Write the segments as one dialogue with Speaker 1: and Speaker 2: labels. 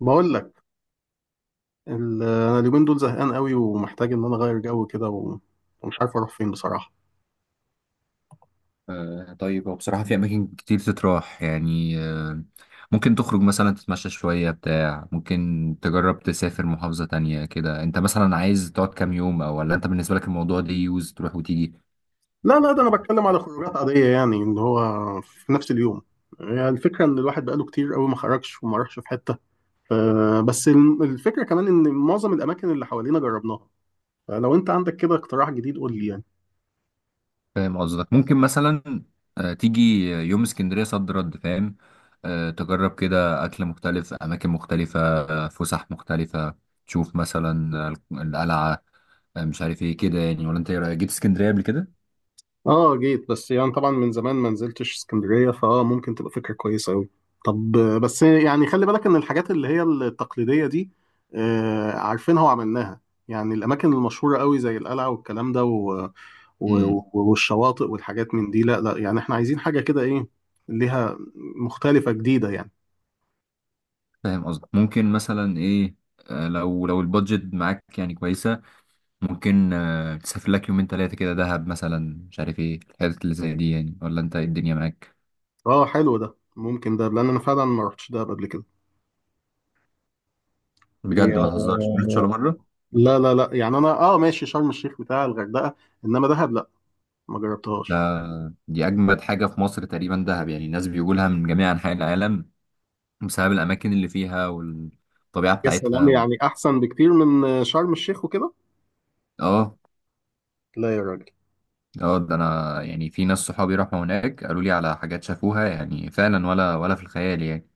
Speaker 1: بقول لك، انا اليومين دول زهقان قوي ومحتاج ان انا اغير جو كده ومش عارف اروح فين بصراحه.
Speaker 2: طيب هو بصراحة في أماكن كتير تتراح يعني ممكن تخرج مثلا تتمشى شوية بتاع. ممكن تجرب تسافر محافظة تانية كده. أنت مثلا عايز تقعد كام يوم، أو ولا أنت بالنسبة لك الموضوع ليه يوز تروح وتيجي؟
Speaker 1: لا لا، ده انا بتكلم على خروجات عاديه، يعني اللي هو في نفس اليوم. يعني الفكره ان الواحد بقاله كتير قوي ما خرجش وما راحش في حته. ف- بس الفكره كمان ان معظم الاماكن اللي حوالينا جربناها. فلو انت عندك كده اقتراح جديد قول لي يعني.
Speaker 2: فاهم قصدك. ممكن مثلا تيجي يوم اسكندرية صد رد فاهم. تجرب كده أكل مختلف، أماكن مختلفة، فسح مختلفة. تشوف مثلا القلعة، مش عارف ايه كده يعني. ولا أنت إيه رأيك، جيت اسكندرية قبل كده؟
Speaker 1: اه جيت، بس يعني طبعا من زمان ما نزلتش اسكندريه، فاه ممكن تبقى فكره كويسه قوي. طب، بس يعني خلي بالك ان الحاجات اللي هي التقليديه دي، عارفينها وعملناها. يعني الاماكن المشهوره قوي زي القلعه والكلام ده و- والشواطئ والحاجات من دي. لا لا، يعني احنا عايزين حاجه كده، ايه ليها، مختلفه جديده يعني.
Speaker 2: فاهم قصدك. ممكن مثلا ايه، لو البادجت معاك يعني كويسة. ممكن تسافر لك يومين ثلاثة كده دهب مثلا، مش عارف ايه الحاجات اللي زي دي يعني. ولا انت إيه الدنيا معاك؟
Speaker 1: اه حلو ده، ممكن ده، لان انا فعلا ما رحتش ده قبل كده.
Speaker 2: بجد
Speaker 1: هي-
Speaker 2: ما تهزرش، ما رحتش ولا مرة؟
Speaker 1: لا لا لا، يعني انا اه ماشي شرم الشيخ بتاع الغردقه، انما دهب لا، ما
Speaker 2: ده
Speaker 1: جربتهاش.
Speaker 2: دي أجمد حاجة في مصر تقريبا، دهب، يعني الناس بيقولها لها من جميع أنحاء العالم بسبب الأماكن اللي فيها والطبيعة
Speaker 1: يا
Speaker 2: بتاعتها
Speaker 1: سلام! يعني احسن بكتير من شرم الشيخ وكده؟
Speaker 2: اه
Speaker 1: لا يا راجل.
Speaker 2: اه، ده أنا يعني في ناس صحابي راحوا هناك قالوا لي على حاجات شافوها يعني فعلا، ولا في الخيال يعني.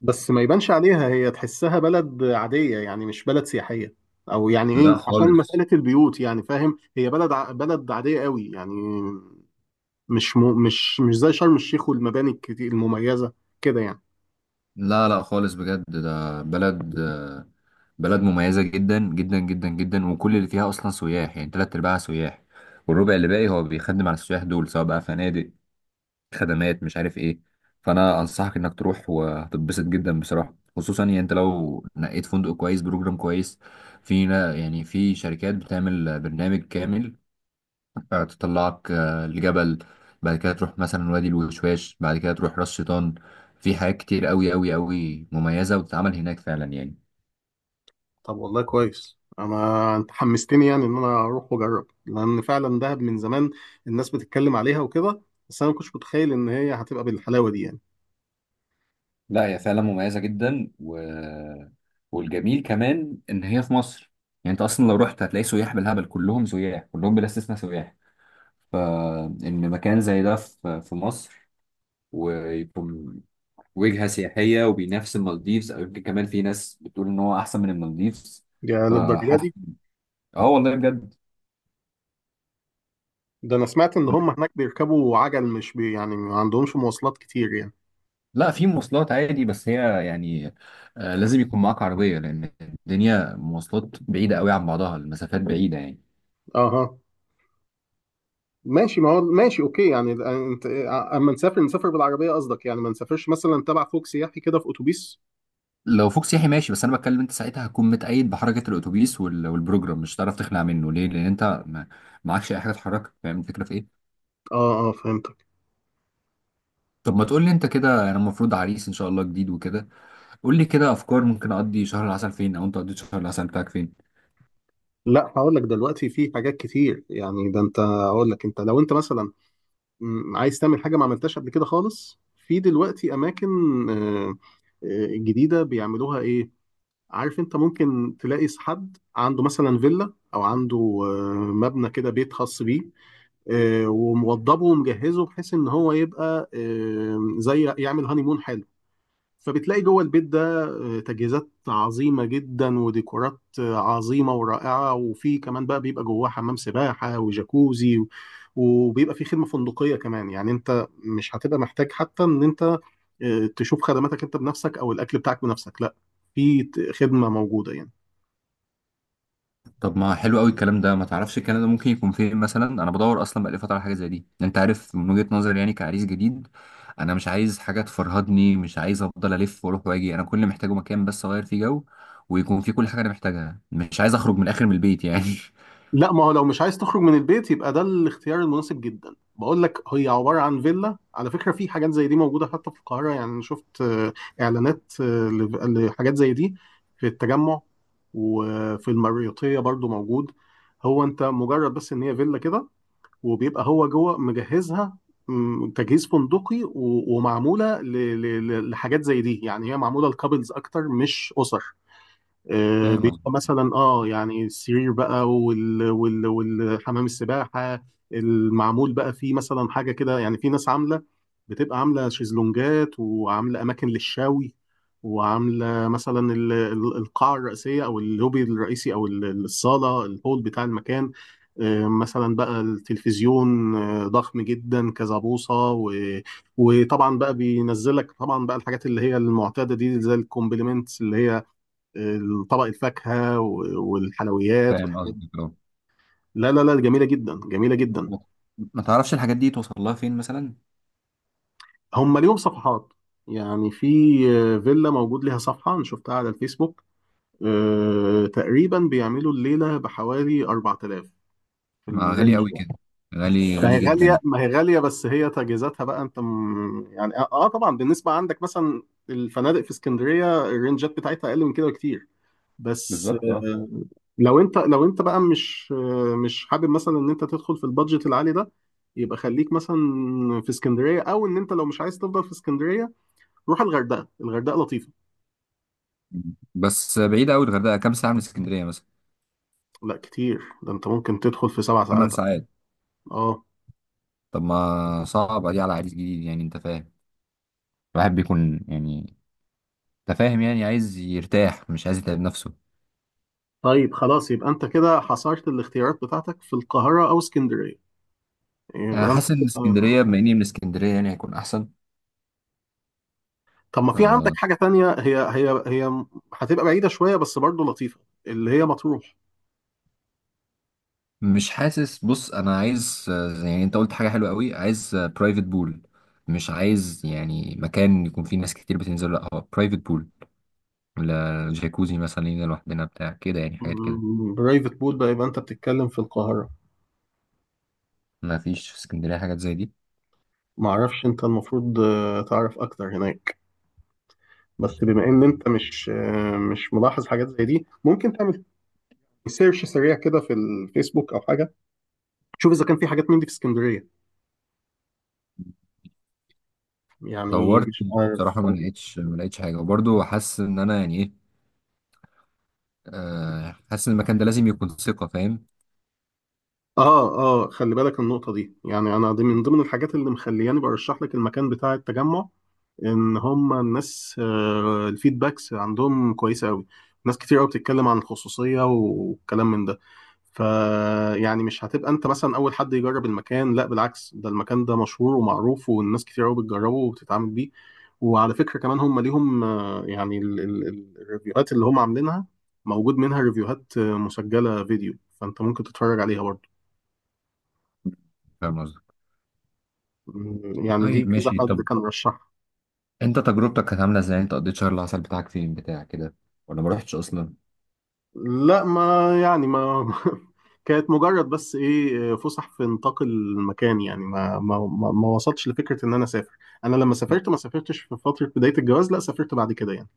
Speaker 1: بس ما يبانش عليها، هي تحسها بلد عادية يعني، مش بلد سياحية. او يعني ايه،
Speaker 2: لا
Speaker 1: عشان
Speaker 2: خالص.
Speaker 1: مسألة البيوت يعني، فاهم، هي بلد عادية قوي يعني. مش م... مش مش زي شرم الشيخ والمباني الكتير المميزة كده يعني.
Speaker 2: لا لا خالص بجد. ده بلد مميزة جدا جدا جدا جدا، وكل اللي فيها أصلا سياح، يعني تلات أرباعها سياح والربع اللي باقي هو بيخدم على السياح دول، سواء بقى فنادق، خدمات، مش عارف إيه. فأنا أنصحك إنك تروح وهتتبسط جدا بصراحة، خصوصا يعني أنت لو نقيت فندق كويس، بروجرام كويس. يعني في شركات بتعمل برنامج كامل، تطلعك لجبل، بعد كده تروح مثلا وادي الوشواش، بعد كده تروح راس شيطان. في حاجات كتير قوي قوي قوي مميزة وتتعمل هناك فعلا يعني.
Speaker 1: طب والله كويس، انت حمستني يعني ان انا اروح واجرب، لان فعلا دهب من زمان الناس بتتكلم عليها وكده. بس انا ما كنتش متخيل ان هي هتبقى بالحلاوة دي يعني.
Speaker 2: لا هي فعلا مميزة جدا والجميل كمان إن هي في مصر. يعني أنت أصلا لو رحت هتلاقي سياح بالهبل، كلهم سياح، كلهم بلا استثناء سياح. فإن مكان زي ده في مصر ويكون وجهة سياحية وبينافس المالديفز، أو يمكن كمان في ناس بتقول إن هو أحسن من المالديفز.
Speaker 1: يا للدرجة
Speaker 2: فحاسس.
Speaker 1: دي؟
Speaker 2: آه والله بجد.
Speaker 1: ده انا سمعت ان هم هناك بيركبوا عجل، مش بي يعني ما عندهمش مواصلات كتير يعني.
Speaker 2: لا في مواصلات عادي، بس هي يعني لازم يكون معاك عربية، لأن الدنيا مواصلات بعيدة قوي عن بعضها، المسافات بعيدة يعني.
Speaker 1: اها، ماشي، ما هو ماشي، اوكي يعني. انت اما نسافر نسافر بالعربيه قصدك، يعني ما نسافرش مثلا تبع فوق سياحي كده في اتوبيس؟
Speaker 2: لو فوق سياحي ماشي، بس أنا بتكلم أنت ساعتها هتكون متقيد بحركة الأتوبيس والبروجرام، مش هتعرف تخلع منه. ليه؟ لأن أنت ما معكش أي حاجة تحركك. فاهم الفكرة في إيه؟
Speaker 1: اه اه، فهمتك.
Speaker 2: طب ما تقول لي أنت كده، أنا المفروض عريس إن شاء الله جديد وكده. قول لي كده أفكار، ممكن أقضي شهر العسل فين، أو أنت قضيت شهر العسل بتاعك فين؟
Speaker 1: لا هقول لك دلوقتي في حاجات كتير يعني. ده انت هقول لك، انت لو انت مثلا، عايز تعمل حاجه ما عملتهاش قبل كده خالص، في دلوقتي اماكن آه، جديده بيعملوها، ايه؟ عارف، انت ممكن تلاقي حد عنده مثلا فيلا او عنده مبنى كده، بيت خاص بيه، وموضبه ومجهزه، بحيث ان هو يبقى زي يعمل هانيمون حلو. فبتلاقي جوه البيت ده تجهيزات عظيمة جدا وديكورات عظيمة ورائعة، وفي كمان بقى بيبقى جواه حمام سباحة وجاكوزي، وبيبقى في خدمة فندقية كمان. يعني انت مش هتبقى محتاج حتى ان انت تشوف خدماتك انت بنفسك او الاكل بتاعك بنفسك. لا، في خدمة موجودة يعني.
Speaker 2: طب ما حلو قوي الكلام ده. ما تعرفش كندا ممكن يكون فين مثلا؟ انا بدور اصلا بقالي فتره على حاجه زي دي، يعني انت عارف، من وجهه نظري يعني كعريس جديد، انا مش عايز حاجه تفرهدني، مش عايز افضل الف واروح واجي. انا كل اللي محتاجه مكان بس اغير فيه جو ويكون فيه كل حاجه انا محتاجها، مش عايز اخرج من الاخر من البيت يعني.
Speaker 1: لا ما هو لو مش عايز تخرج من البيت، يبقى ده الاختيار المناسب جدا. بقول لك، هي عبارة عن فيلا على فكرة. في حاجات زي دي موجودة حتى في القاهرة، يعني أنا شفت إعلانات لحاجات زي دي في التجمع، وفي المريوطية برضو موجود. هو أنت مجرد بس إن هي فيلا كده، وبيبقى هو جوه مجهزها تجهيز فندقي، ومعمولة لحاجات زي دي، يعني هي معمولة لكابلز أكتر، مش أسر.
Speaker 2: فاهم قصدي.
Speaker 1: بيبقى مثلا اه يعني السرير بقى والحمام السباحه. المعمول بقى فيه مثلا حاجه كده، يعني في ناس عامله، بتبقى عامله شيزلونجات وعامله اماكن للشوي، وعامله مثلا القاعه الرئيسيه او اللوبي الرئيسي او الصاله الهول بتاع المكان. مثلا بقى التلفزيون ضخم جدا كذا بوصه، وطبعا بقى بينزلك طبعا بقى الحاجات اللي هي المعتاده دي، زي الكومبليمنتس اللي هي طبق الفاكهه والحلويات
Speaker 2: فاهم
Speaker 1: والحاجات دي.
Speaker 2: قصدي.
Speaker 1: لا لا لا، جميله جدا، جميله جدا.
Speaker 2: ما تعرفش الحاجات دي توصل لها فين مثلا؟
Speaker 1: هم ليهم صفحات، يعني في فيلا موجود ليها صفحه، انا شفتها على الفيسبوك. تقريبا بيعملوا الليله بحوالي 4,000، في
Speaker 2: ما غالي
Speaker 1: الرينج
Speaker 2: قوي
Speaker 1: ده.
Speaker 2: كده، غالي
Speaker 1: ما
Speaker 2: غالي
Speaker 1: هي
Speaker 2: جدا
Speaker 1: غاليه،
Speaker 2: يعني.
Speaker 1: ما هي غاليه، بس هي تجهيزاتها بقى يعني اه طبعا، بالنسبه عندك مثلا الفنادق في اسكندريه الرينجات بتاعتها اقل من كده بكتير. بس
Speaker 2: بالظبط اه.
Speaker 1: لو انت بقى مش حابب مثلا ان انت تدخل في البادجت العالي ده، يبقى خليك مثلا في اسكندريه. او ان انت لو مش عايز تفضل في اسكندريه، روح الغردقه. الغردقه لطيفه.
Speaker 2: بس بعيدة أوي الغردقة، كام ساعة من اسكندرية مثلا؟
Speaker 1: لا كتير، ده انت ممكن تدخل في سبع
Speaker 2: ثمان
Speaker 1: ساعات
Speaker 2: ساعات
Speaker 1: اه.
Speaker 2: طب ما صعبة دي على عريس جديد، يعني انت فاهم، الواحد بيكون يعني، انت فاهم يعني عايز يرتاح، مش عايز يتعب نفسه.
Speaker 1: طيب خلاص، يبقى انت كده حصرت الاختيارات بتاعتك في القاهره او اسكندريه.
Speaker 2: انا
Speaker 1: يبقى انت
Speaker 2: حاسس ان
Speaker 1: آه.
Speaker 2: اسكندرية بما اني من اسكندرية يعني هيكون احسن.
Speaker 1: طب ما في عندك
Speaker 2: ف-
Speaker 1: حاجه تانية، هي هتبقى بعيده شويه بس برضه لطيفه، اللي هي مطروح.
Speaker 2: مش حاسس. بص انا عايز يعني انت قلت حاجة حلوة قوي، عايز برايفت بول. مش عايز يعني مكان يكون فيه ناس كتير بتنزل، لا هو برايفت بول، جاكوزي مثلا لينا لوحدنا بتاع كده، يعني حاجات كده.
Speaker 1: برايفت بول بقى، يبقى انت بتتكلم في القاهره.
Speaker 2: ما فيش في اسكندرية حاجات زي دي؟
Speaker 1: معرفش، انت المفروض تعرف اكتر هناك. بس بما ان انت مش ملاحظ حاجات زي دي، ممكن تعمل سيرش سريع كده في الفيسبوك او حاجه، تشوف اذا كان في حاجات من دي في اسكندريه، يعني
Speaker 2: دورت،
Speaker 1: مش عارف.
Speaker 2: بصراحة ما لقيتش، ما لقيتش حاجة، وبرضه حاسس ان انا يعني ايه، حاسس ان المكان ده لازم يكون ثقة، فاهم؟
Speaker 1: اه اه، خلي بالك النقطة دي، يعني انا دي من ضمن الحاجات اللي مخلياني برشح لك المكان بتاع التجمع. ان هم الناس الفيدباكس عندهم كويسة قوي، ناس كتير قوي بتتكلم عن الخصوصية والكلام من ده. ف يعني مش هتبقى انت مثلا اول حد يجرب المكان، لا بالعكس، ده المكان ده مشهور ومعروف، والناس كتير قوي بتجربه وبتتعامل بيه. وعلى فكرة كمان هم ليهم يعني الريفيوهات اللي هم عاملينها، موجود منها ريفيوهات مسجلة فيديو، فانت ممكن تتفرج عليها برضه.
Speaker 2: فاهم قصدك.
Speaker 1: مم، يعني دي
Speaker 2: طيب
Speaker 1: كذا
Speaker 2: ماشي،
Speaker 1: حد
Speaker 2: طب
Speaker 1: كان رشحها.
Speaker 2: انت تجربتك كانت عاملة ازاي، انت قضيت شهر العسل بتاعك فين بتاع كده، ولا ما رحتش اصلا؟
Speaker 1: لا ما يعني ما كانت مجرد بس ايه، فسح في نطاق المكان يعني، ما وصلتش لفكره ان انا اسافر. انا لما سافرت ما سافرتش في فتره بدايه الجواز، لا سافرت بعد كده يعني.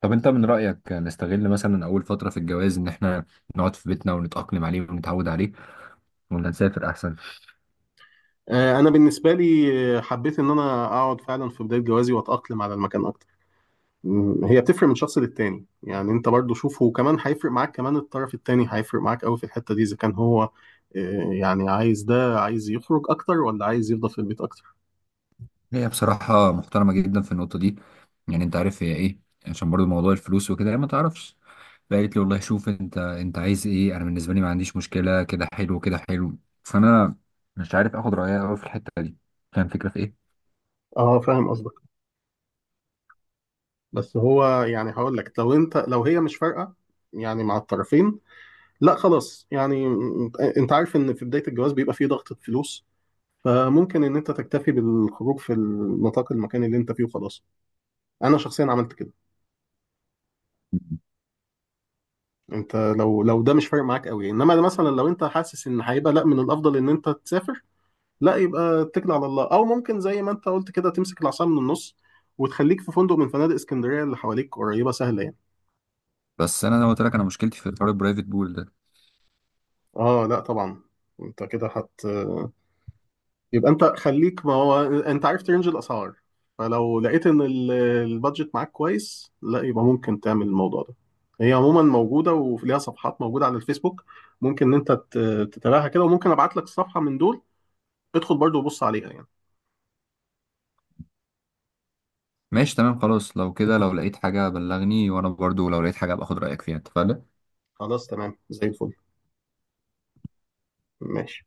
Speaker 2: طب انت من رأيك نستغل مثلا اول فترة في الجواز ان احنا نقعد في بيتنا ونتأقلم عليه ونتعود عليه، ولا نسافر احسن؟
Speaker 1: انا بالنسبه لي حبيت ان انا اقعد فعلا في بدايه جوازي واتاقلم على المكان اكتر. هي بتفرق من شخص للتاني، يعني انت برضو شوفه. وكمان هيفرق معاك، كمان الطرف التاني هيفرق معاك قوي في الحته دي، اذا كان هو يعني عايز يخرج اكتر، ولا عايز يفضل في البيت اكتر.
Speaker 2: هي بصراحة محترمة جدا في النقطة دي. يعني انت عارف هي ايه، عشان برضو موضوع الفلوس وكده هي ما تعرفش. فقالت لي والله شوف انت، انت عايز ايه، انا بالنسبة لي ما عنديش مشكلة، كده حلو كده حلو. فانا مش عارف اخد رأيها قوي في الحتة دي، كان فكرة في ايه.
Speaker 1: اه فاهم قصدك. بس هو يعني هقول لك، لو انت، لو هي مش فارقه يعني مع الطرفين، لا خلاص، يعني انت عارف ان في بدايه الجواز بيبقى فيه ضغط فلوس، فممكن ان انت تكتفي بالخروج في النطاق المكاني اللي انت فيه وخلاص. انا شخصيا عملت كده. انت لو ده مش فارق معاك قوي، انما ده مثلا لو انت حاسس ان هيبقى لا، من الافضل ان انت تسافر، لا يبقى اتكل على الله. او ممكن زي ما انت قلت كده، تمسك العصا من النص، وتخليك في فندق من فنادق اسكندريه اللي حواليك قريبه سهله يعني.
Speaker 2: بس انا لو قلت لك، انا مشكلتي في حوار البرايفت بول ده.
Speaker 1: اه لا طبعا. انت كده يبقى انت خليك، ما هو انت عرفت رينج الاسعار، فلو لقيت ان البادجت معاك كويس، لا يبقى ممكن تعمل الموضوع ده. هي عموما موجوده وليها صفحات موجوده على الفيسبوك. ممكن ان انت تتابعها كده، وممكن ابعت لك الصفحه من دول، ادخل برضو وبص عليها يعني.
Speaker 2: ماشي تمام خلاص، لو كده لو لقيت حاجة بلغني، وانا برضو لو لقيت حاجة باخد رأيك فيها، اتفقنا؟
Speaker 1: خلاص تمام، زي الفل. ماشي.